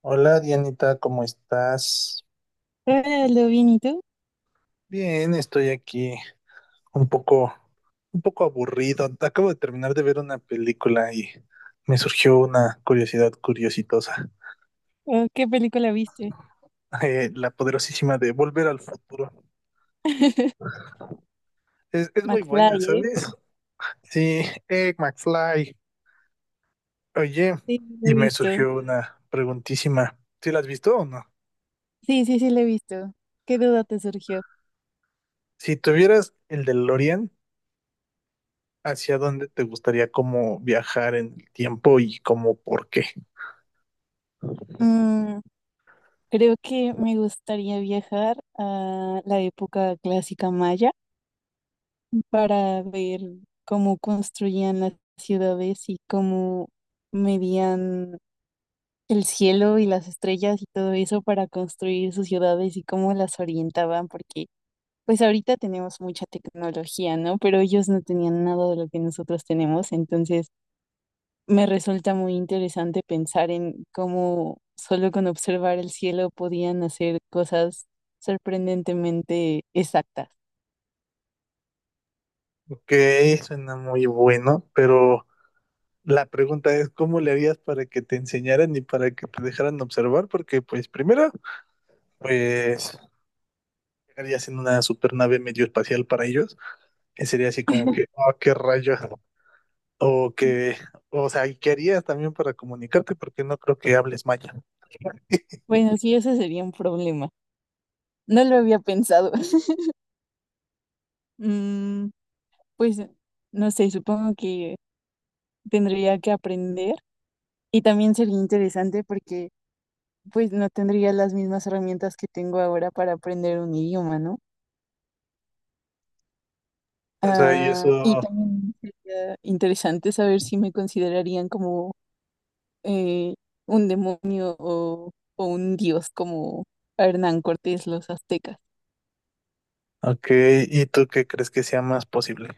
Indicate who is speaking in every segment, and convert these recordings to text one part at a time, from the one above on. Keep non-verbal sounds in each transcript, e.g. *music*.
Speaker 1: Hola Dianita, ¿cómo estás?
Speaker 2: Hola, Aldo, bien, ¿y tú?
Speaker 1: Bien, estoy aquí un poco, un poco aburrido. Acabo de terminar de ver una película y me surgió una curiosidad curiositosa.
Speaker 2: Oh, ¿qué película viste?
Speaker 1: *laughs* La poderosísima de Volver al Futuro.
Speaker 2: *laughs*
Speaker 1: Es muy buena,
Speaker 2: McFly, ¿eh?
Speaker 1: ¿sabes? Sí, McFly. Oye,
Speaker 2: Sí, la he
Speaker 1: y me
Speaker 2: visto.
Speaker 1: surgió una preguntísima. ¿Sí la has visto o no?
Speaker 2: Sí, sí, sí, la he visto. ¿Qué duda te surgió?
Speaker 1: Si tuvieras el DeLorean, ¿hacia dónde te gustaría como viajar en el tiempo y como por qué?
Speaker 2: Mm, Creo que me gustaría viajar a la época clásica maya para ver cómo construían las ciudades y cómo medían el cielo y las estrellas y todo eso para construir sus ciudades y cómo las orientaban, porque pues ahorita tenemos mucha tecnología, ¿no? Pero ellos no tenían nada de lo que nosotros tenemos, entonces me resulta muy interesante pensar en cómo solo con observar el cielo podían hacer cosas sorprendentemente exactas.
Speaker 1: Ok, suena muy bueno, pero la pregunta es, ¿cómo le harías para que te enseñaran y para que te dejaran observar? Porque, pues, primero, pues, llegarías en una supernave medio espacial para ellos, que sería así como que, oh, qué rayos, o que, o sea, ¿y qué harías también para comunicarte? Porque no creo que hables maya.
Speaker 2: Bueno, sí, ese sería un problema. No lo había pensado. *laughs* Mm, pues no sé, supongo que tendría que aprender, y también sería interesante porque pues no tendría las mismas herramientas que tengo ahora para aprender un idioma, ¿no?
Speaker 1: O sea, y
Speaker 2: Ah, y
Speaker 1: eso,
Speaker 2: también sería interesante saber si me considerarían como eh, un demonio o, un dios, como a Hernán Cortés los aztecas.
Speaker 1: ok, ¿y tú qué crees que sea más posible?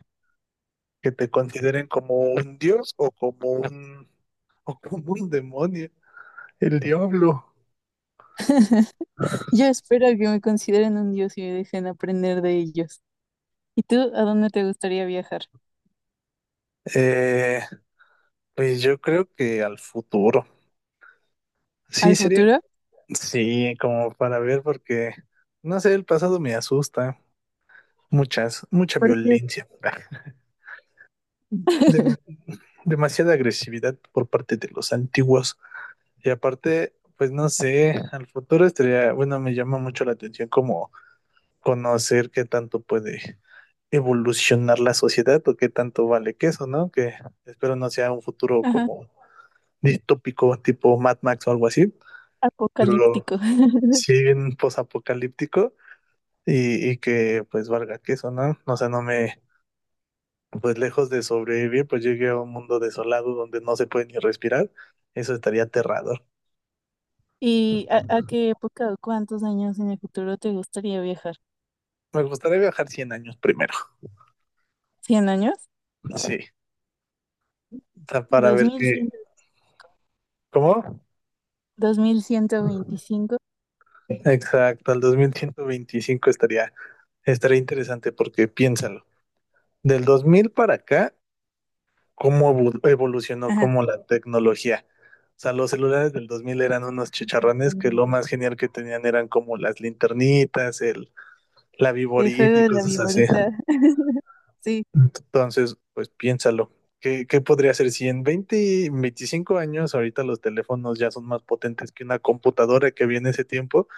Speaker 1: ¿Que te consideren como un dios o como un demonio, el diablo?
Speaker 2: Yo espero que me consideren un dios y me dejen aprender de ellos. ¿Y tú a dónde te gustaría viajar?
Speaker 1: Eh, pues yo creo que al futuro. Sí,
Speaker 2: ¿Al
Speaker 1: sería,
Speaker 2: futuro?
Speaker 1: sí, como para ver, porque, no sé, el pasado me asusta. Mucha
Speaker 2: Porque
Speaker 1: violencia. *laughs* Dem-
Speaker 2: *laughs*
Speaker 1: demasiada agresividad por parte de los antiguos. Y aparte, pues no sé, al futuro estaría, bueno, me llama mucho la atención como conocer qué tanto puede evolucionar la sociedad o qué tanto vale que eso, ¿no? Que espero no sea un futuro
Speaker 2: ajá,
Speaker 1: como distópico, tipo Mad Max o algo así.
Speaker 2: apocalíptico. *laughs*
Speaker 1: Sí, bien posapocalíptico y que pues valga queso, ¿no? O sea, no me, pues lejos de sobrevivir, pues llegué a un mundo desolado donde no se puede ni respirar. Eso estaría aterrador.
Speaker 2: ¿Y a qué época o cuántos años en el futuro te gustaría viajar?
Speaker 1: Me gustaría viajar 100 años primero.
Speaker 2: ¿100 años?
Speaker 1: Sí, o sea, para
Speaker 2: ¿Dos
Speaker 1: ver
Speaker 2: mil cien?
Speaker 1: qué, ¿cómo?
Speaker 2: ¿2125?
Speaker 1: Exacto, al 2125 estaría, estaría interesante porque piénsalo. Del 2000 para acá cómo evolucionó
Speaker 2: Ajá.
Speaker 1: como la tecnología. O sea, los celulares del 2000 eran unos chicharrones que lo
Speaker 2: Sorprendente.
Speaker 1: más genial que tenían eran como las linternitas, el, la
Speaker 2: El juego
Speaker 1: viborita y
Speaker 2: de la
Speaker 1: cosas así.
Speaker 2: viborita. *laughs* Sí,
Speaker 1: Entonces, pues piénsalo. ¿Qué, qué podría ser si en 20, 25 años ahorita los teléfonos ya son más potentes que una computadora que viene ese tiempo?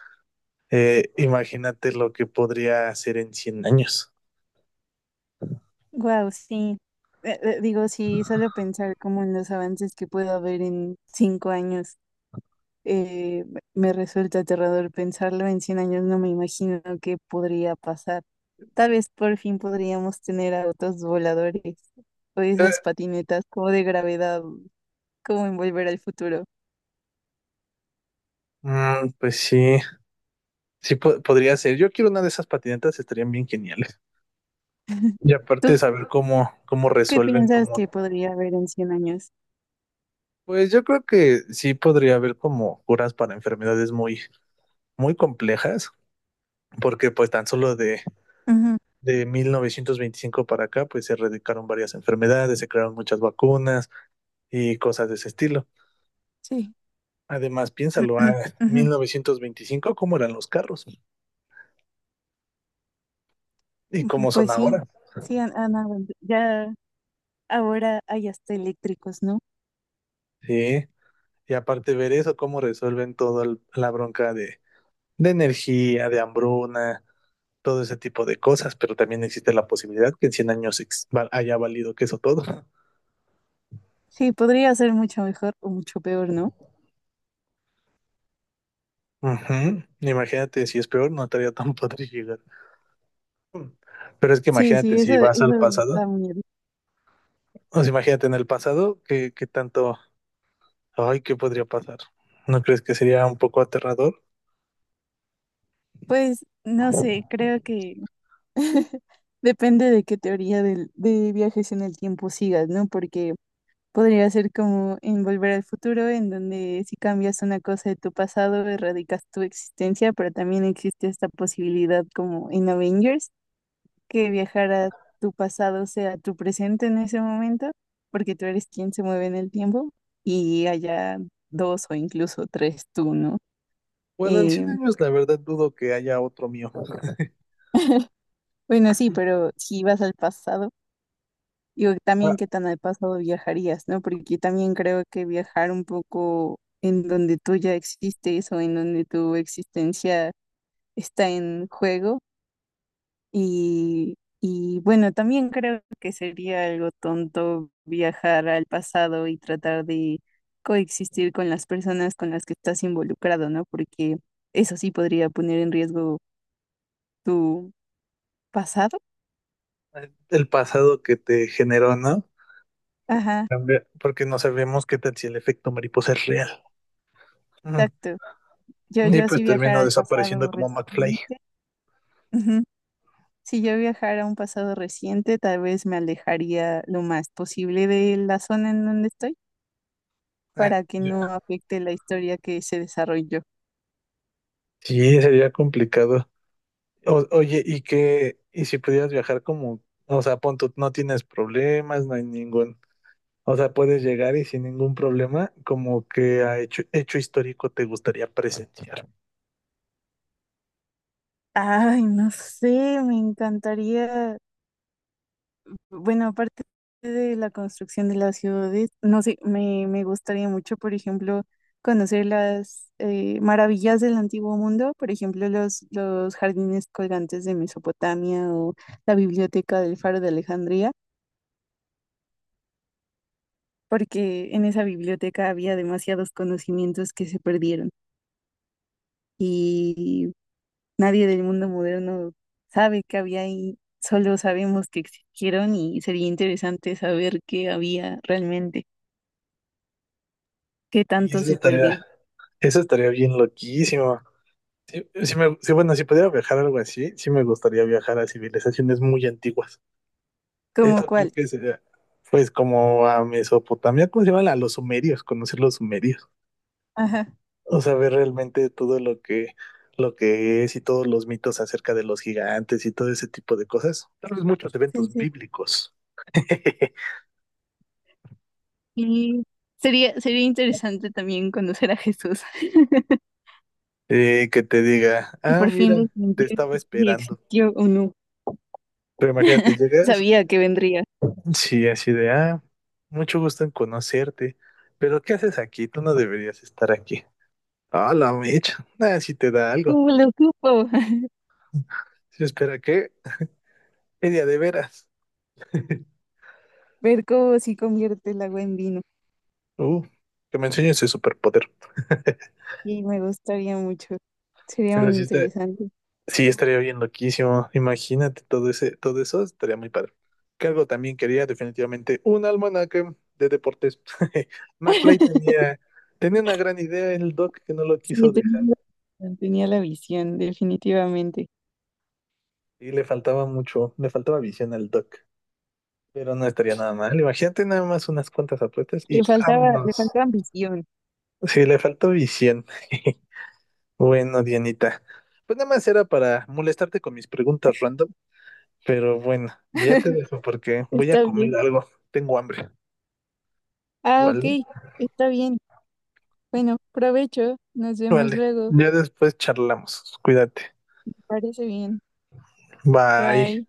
Speaker 1: Imagínate lo que podría ser en 100 años.
Speaker 2: wow, sí. Digo, sí, solo pensar como en los avances que puedo haber en 5 años, me resulta aterrador pensarlo. En 100 años no me imagino qué podría pasar. Tal vez por fin podríamos tener autos voladores o
Speaker 1: Eh,
Speaker 2: esas patinetas como de gravedad, como en Volver al Futuro.
Speaker 1: mm, pues sí, sí podría ser. Yo quiero una de esas patinetas, estarían bien geniales. Y aparte
Speaker 2: ¿Tú
Speaker 1: saber cómo, cómo
Speaker 2: qué
Speaker 1: resuelven,
Speaker 2: piensas
Speaker 1: cómo...
Speaker 2: que podría haber en 100 años?
Speaker 1: Pues yo creo que sí podría haber como curas para enfermedades muy, muy complejas, porque pues tan solo de,
Speaker 2: Ujú,
Speaker 1: de 1925 para acá, pues se erradicaron varias enfermedades, se crearon muchas vacunas y cosas de ese estilo.
Speaker 2: sí.
Speaker 1: Además, piénsalo, a
Speaker 2: *clears throat* Ujú.
Speaker 1: 1925, ¿cómo eran los carros? ¿Y
Speaker 2: Ujú,
Speaker 1: cómo son
Speaker 2: pues sí,
Speaker 1: ahora?
Speaker 2: sí ya ahora hay hasta eléctricos, ¿no?
Speaker 1: Sí. Y aparte ver eso, cómo resuelven toda la bronca de energía, de hambruna, todo ese tipo de cosas, pero también existe la posibilidad que en 100 años haya valido que eso todo. *laughs*
Speaker 2: Sí, podría ser mucho mejor o mucho peor, ¿no?
Speaker 1: Uh -huh. Imagínate, si es peor, no estaría tan padre llegar. Pero es que
Speaker 2: Sí, sí,
Speaker 1: imagínate,
Speaker 2: eso,
Speaker 1: si vas al
Speaker 2: eso da
Speaker 1: pasado,
Speaker 2: miedo.
Speaker 1: o sea, imagínate en el pasado, ¿qué, qué tanto, ay, qué podría pasar? ¿No crees que sería un poco aterrador?
Speaker 2: Pues no sé, creo que *laughs* depende de qué teoría de viajes en el tiempo sigas, ¿no? Porque podría ser como en Volver al Futuro, en donde si cambias una cosa de tu pasado, erradicas tu existencia, pero también existe esta posibilidad como en Avengers, que viajar a tu pasado sea tu presente en ese momento, porque tú eres quien se mueve en el tiempo y haya dos o incluso tres tú, ¿no?
Speaker 1: Bueno, en 100
Speaker 2: Eh,
Speaker 1: años la verdad dudo que haya otro mío.
Speaker 2: bueno, sí, pero si vas al pasado, digo, también
Speaker 1: Ah,
Speaker 2: qué tan al pasado viajarías, ¿no? Porque también creo que viajar un poco en donde tú ya existes o en donde tu existencia está en juego. Y bueno, también creo que sería algo tonto viajar al pasado y tratar de coexistir con las personas con las que estás involucrado, ¿no? Porque eso sí podría poner en riesgo tu pasado.
Speaker 1: el pasado que te generó, ¿no?
Speaker 2: Ajá,
Speaker 1: También. Porque no sabemos qué tal si el efecto mariposa es real. Uh -huh.
Speaker 2: exacto. Yo,
Speaker 1: Y
Speaker 2: yo
Speaker 1: pues
Speaker 2: si viajara
Speaker 1: termino
Speaker 2: al
Speaker 1: desapareciendo
Speaker 2: pasado
Speaker 1: como McFly.
Speaker 2: reciente, ujú. Si yo viajara a un pasado reciente, tal vez me alejaría lo más posible de la zona en donde estoy
Speaker 1: *laughs*
Speaker 2: para que no
Speaker 1: Ya.
Speaker 2: afecte la historia que se desarrolló.
Speaker 1: Sí, sería complicado. Oye, ¿y qué? ¿Y si pudieras viajar como, o sea, pon tú, no tienes problemas, no hay ningún, o sea, puedes llegar y sin ningún problema, como que a hecho histórico te gustaría presenciar?
Speaker 2: Ay, no sé, me encantaría. Bueno, aparte de la construcción de las ciudades, no sé, me gustaría mucho, por ejemplo, conocer las maravillas del antiguo mundo, por ejemplo, los jardines colgantes de Mesopotamia o la biblioteca del Faro de Alejandría, porque en esa biblioteca había demasiados conocimientos que se perdieron. Nadie del mundo moderno sabe qué había ahí, solo sabemos que existieron y sería interesante saber qué había realmente, qué
Speaker 1: Y
Speaker 2: tanto se perdió,
Speaker 1: eso estaría bien loquísimo. Sí, sí me, sí, bueno, si pudiera viajar a algo así, sí me gustaría viajar a civilizaciones muy antiguas.
Speaker 2: como
Speaker 1: Esto creo que
Speaker 2: cuáles.
Speaker 1: sería, pues, como a Mesopotamia, ¿cómo se llama? A los sumerios, conocer los sumerios.
Speaker 2: Ajá,
Speaker 1: O sea, ver realmente todo lo que es y todos los mitos acerca de los gigantes y todo ese tipo de cosas. Tal vez muchos
Speaker 2: sí,
Speaker 1: eventos
Speaker 2: sí.
Speaker 1: bíblicos. *laughs*
Speaker 2: Y sería interesante también conocer a Jesús *laughs*
Speaker 1: Que te diga,
Speaker 2: y
Speaker 1: ah,
Speaker 2: por
Speaker 1: mira,
Speaker 2: fin
Speaker 1: te
Speaker 2: desmentir
Speaker 1: estaba
Speaker 2: si
Speaker 1: esperando.
Speaker 2: existió o no.
Speaker 1: Pero imagínate, llegas,
Speaker 2: Sabía que vendría.
Speaker 1: sí, así de, ah, mucho gusto en conocerte. Pero ¿qué haces aquí? Tú no deberías estar aquí. Ah, la mecha. Ah, si te da algo.
Speaker 2: ¿Cómo lo supo? *laughs*
Speaker 1: Si espera, ¿qué? Media de veras. *laughs*
Speaker 2: Ver cómo se convierte el agua en vino.
Speaker 1: Uh, que me enseñes ese superpoder. *laughs*
Speaker 2: Y me gustaría mucho. Sería muy
Speaker 1: Pero sí está,
Speaker 2: interesante.
Speaker 1: sí, estaría bien loquísimo. Imagínate todo ese, todo eso, estaría muy padre. Cargo también quería definitivamente un almanaque de deportes. *laughs* McFly
Speaker 2: *laughs*
Speaker 1: tenía una gran idea el Doc que no lo
Speaker 2: Sí,
Speaker 1: quiso dejar.
Speaker 2: tenía la visión, definitivamente.
Speaker 1: Y le faltaba mucho, le faltaba visión al Doc. Pero no estaría nada mal. Imagínate nada más unas cuantas apuestas y
Speaker 2: Le
Speaker 1: vámonos.
Speaker 2: faltaba visión.
Speaker 1: Sí, le faltó visión. *laughs* Bueno, Dianita. Pues nada más era para molestarte con mis preguntas random. Pero bueno, ya te
Speaker 2: *laughs*
Speaker 1: dejo porque voy a
Speaker 2: Está bien.
Speaker 1: comer algo. Tengo hambre.
Speaker 2: Ah,
Speaker 1: Vale,
Speaker 2: ok, está bien. Bueno, provecho. Nos vemos
Speaker 1: vale.
Speaker 2: luego.
Speaker 1: Ya después charlamos. Cuídate.
Speaker 2: Parece bien.
Speaker 1: Bye.
Speaker 2: Bye.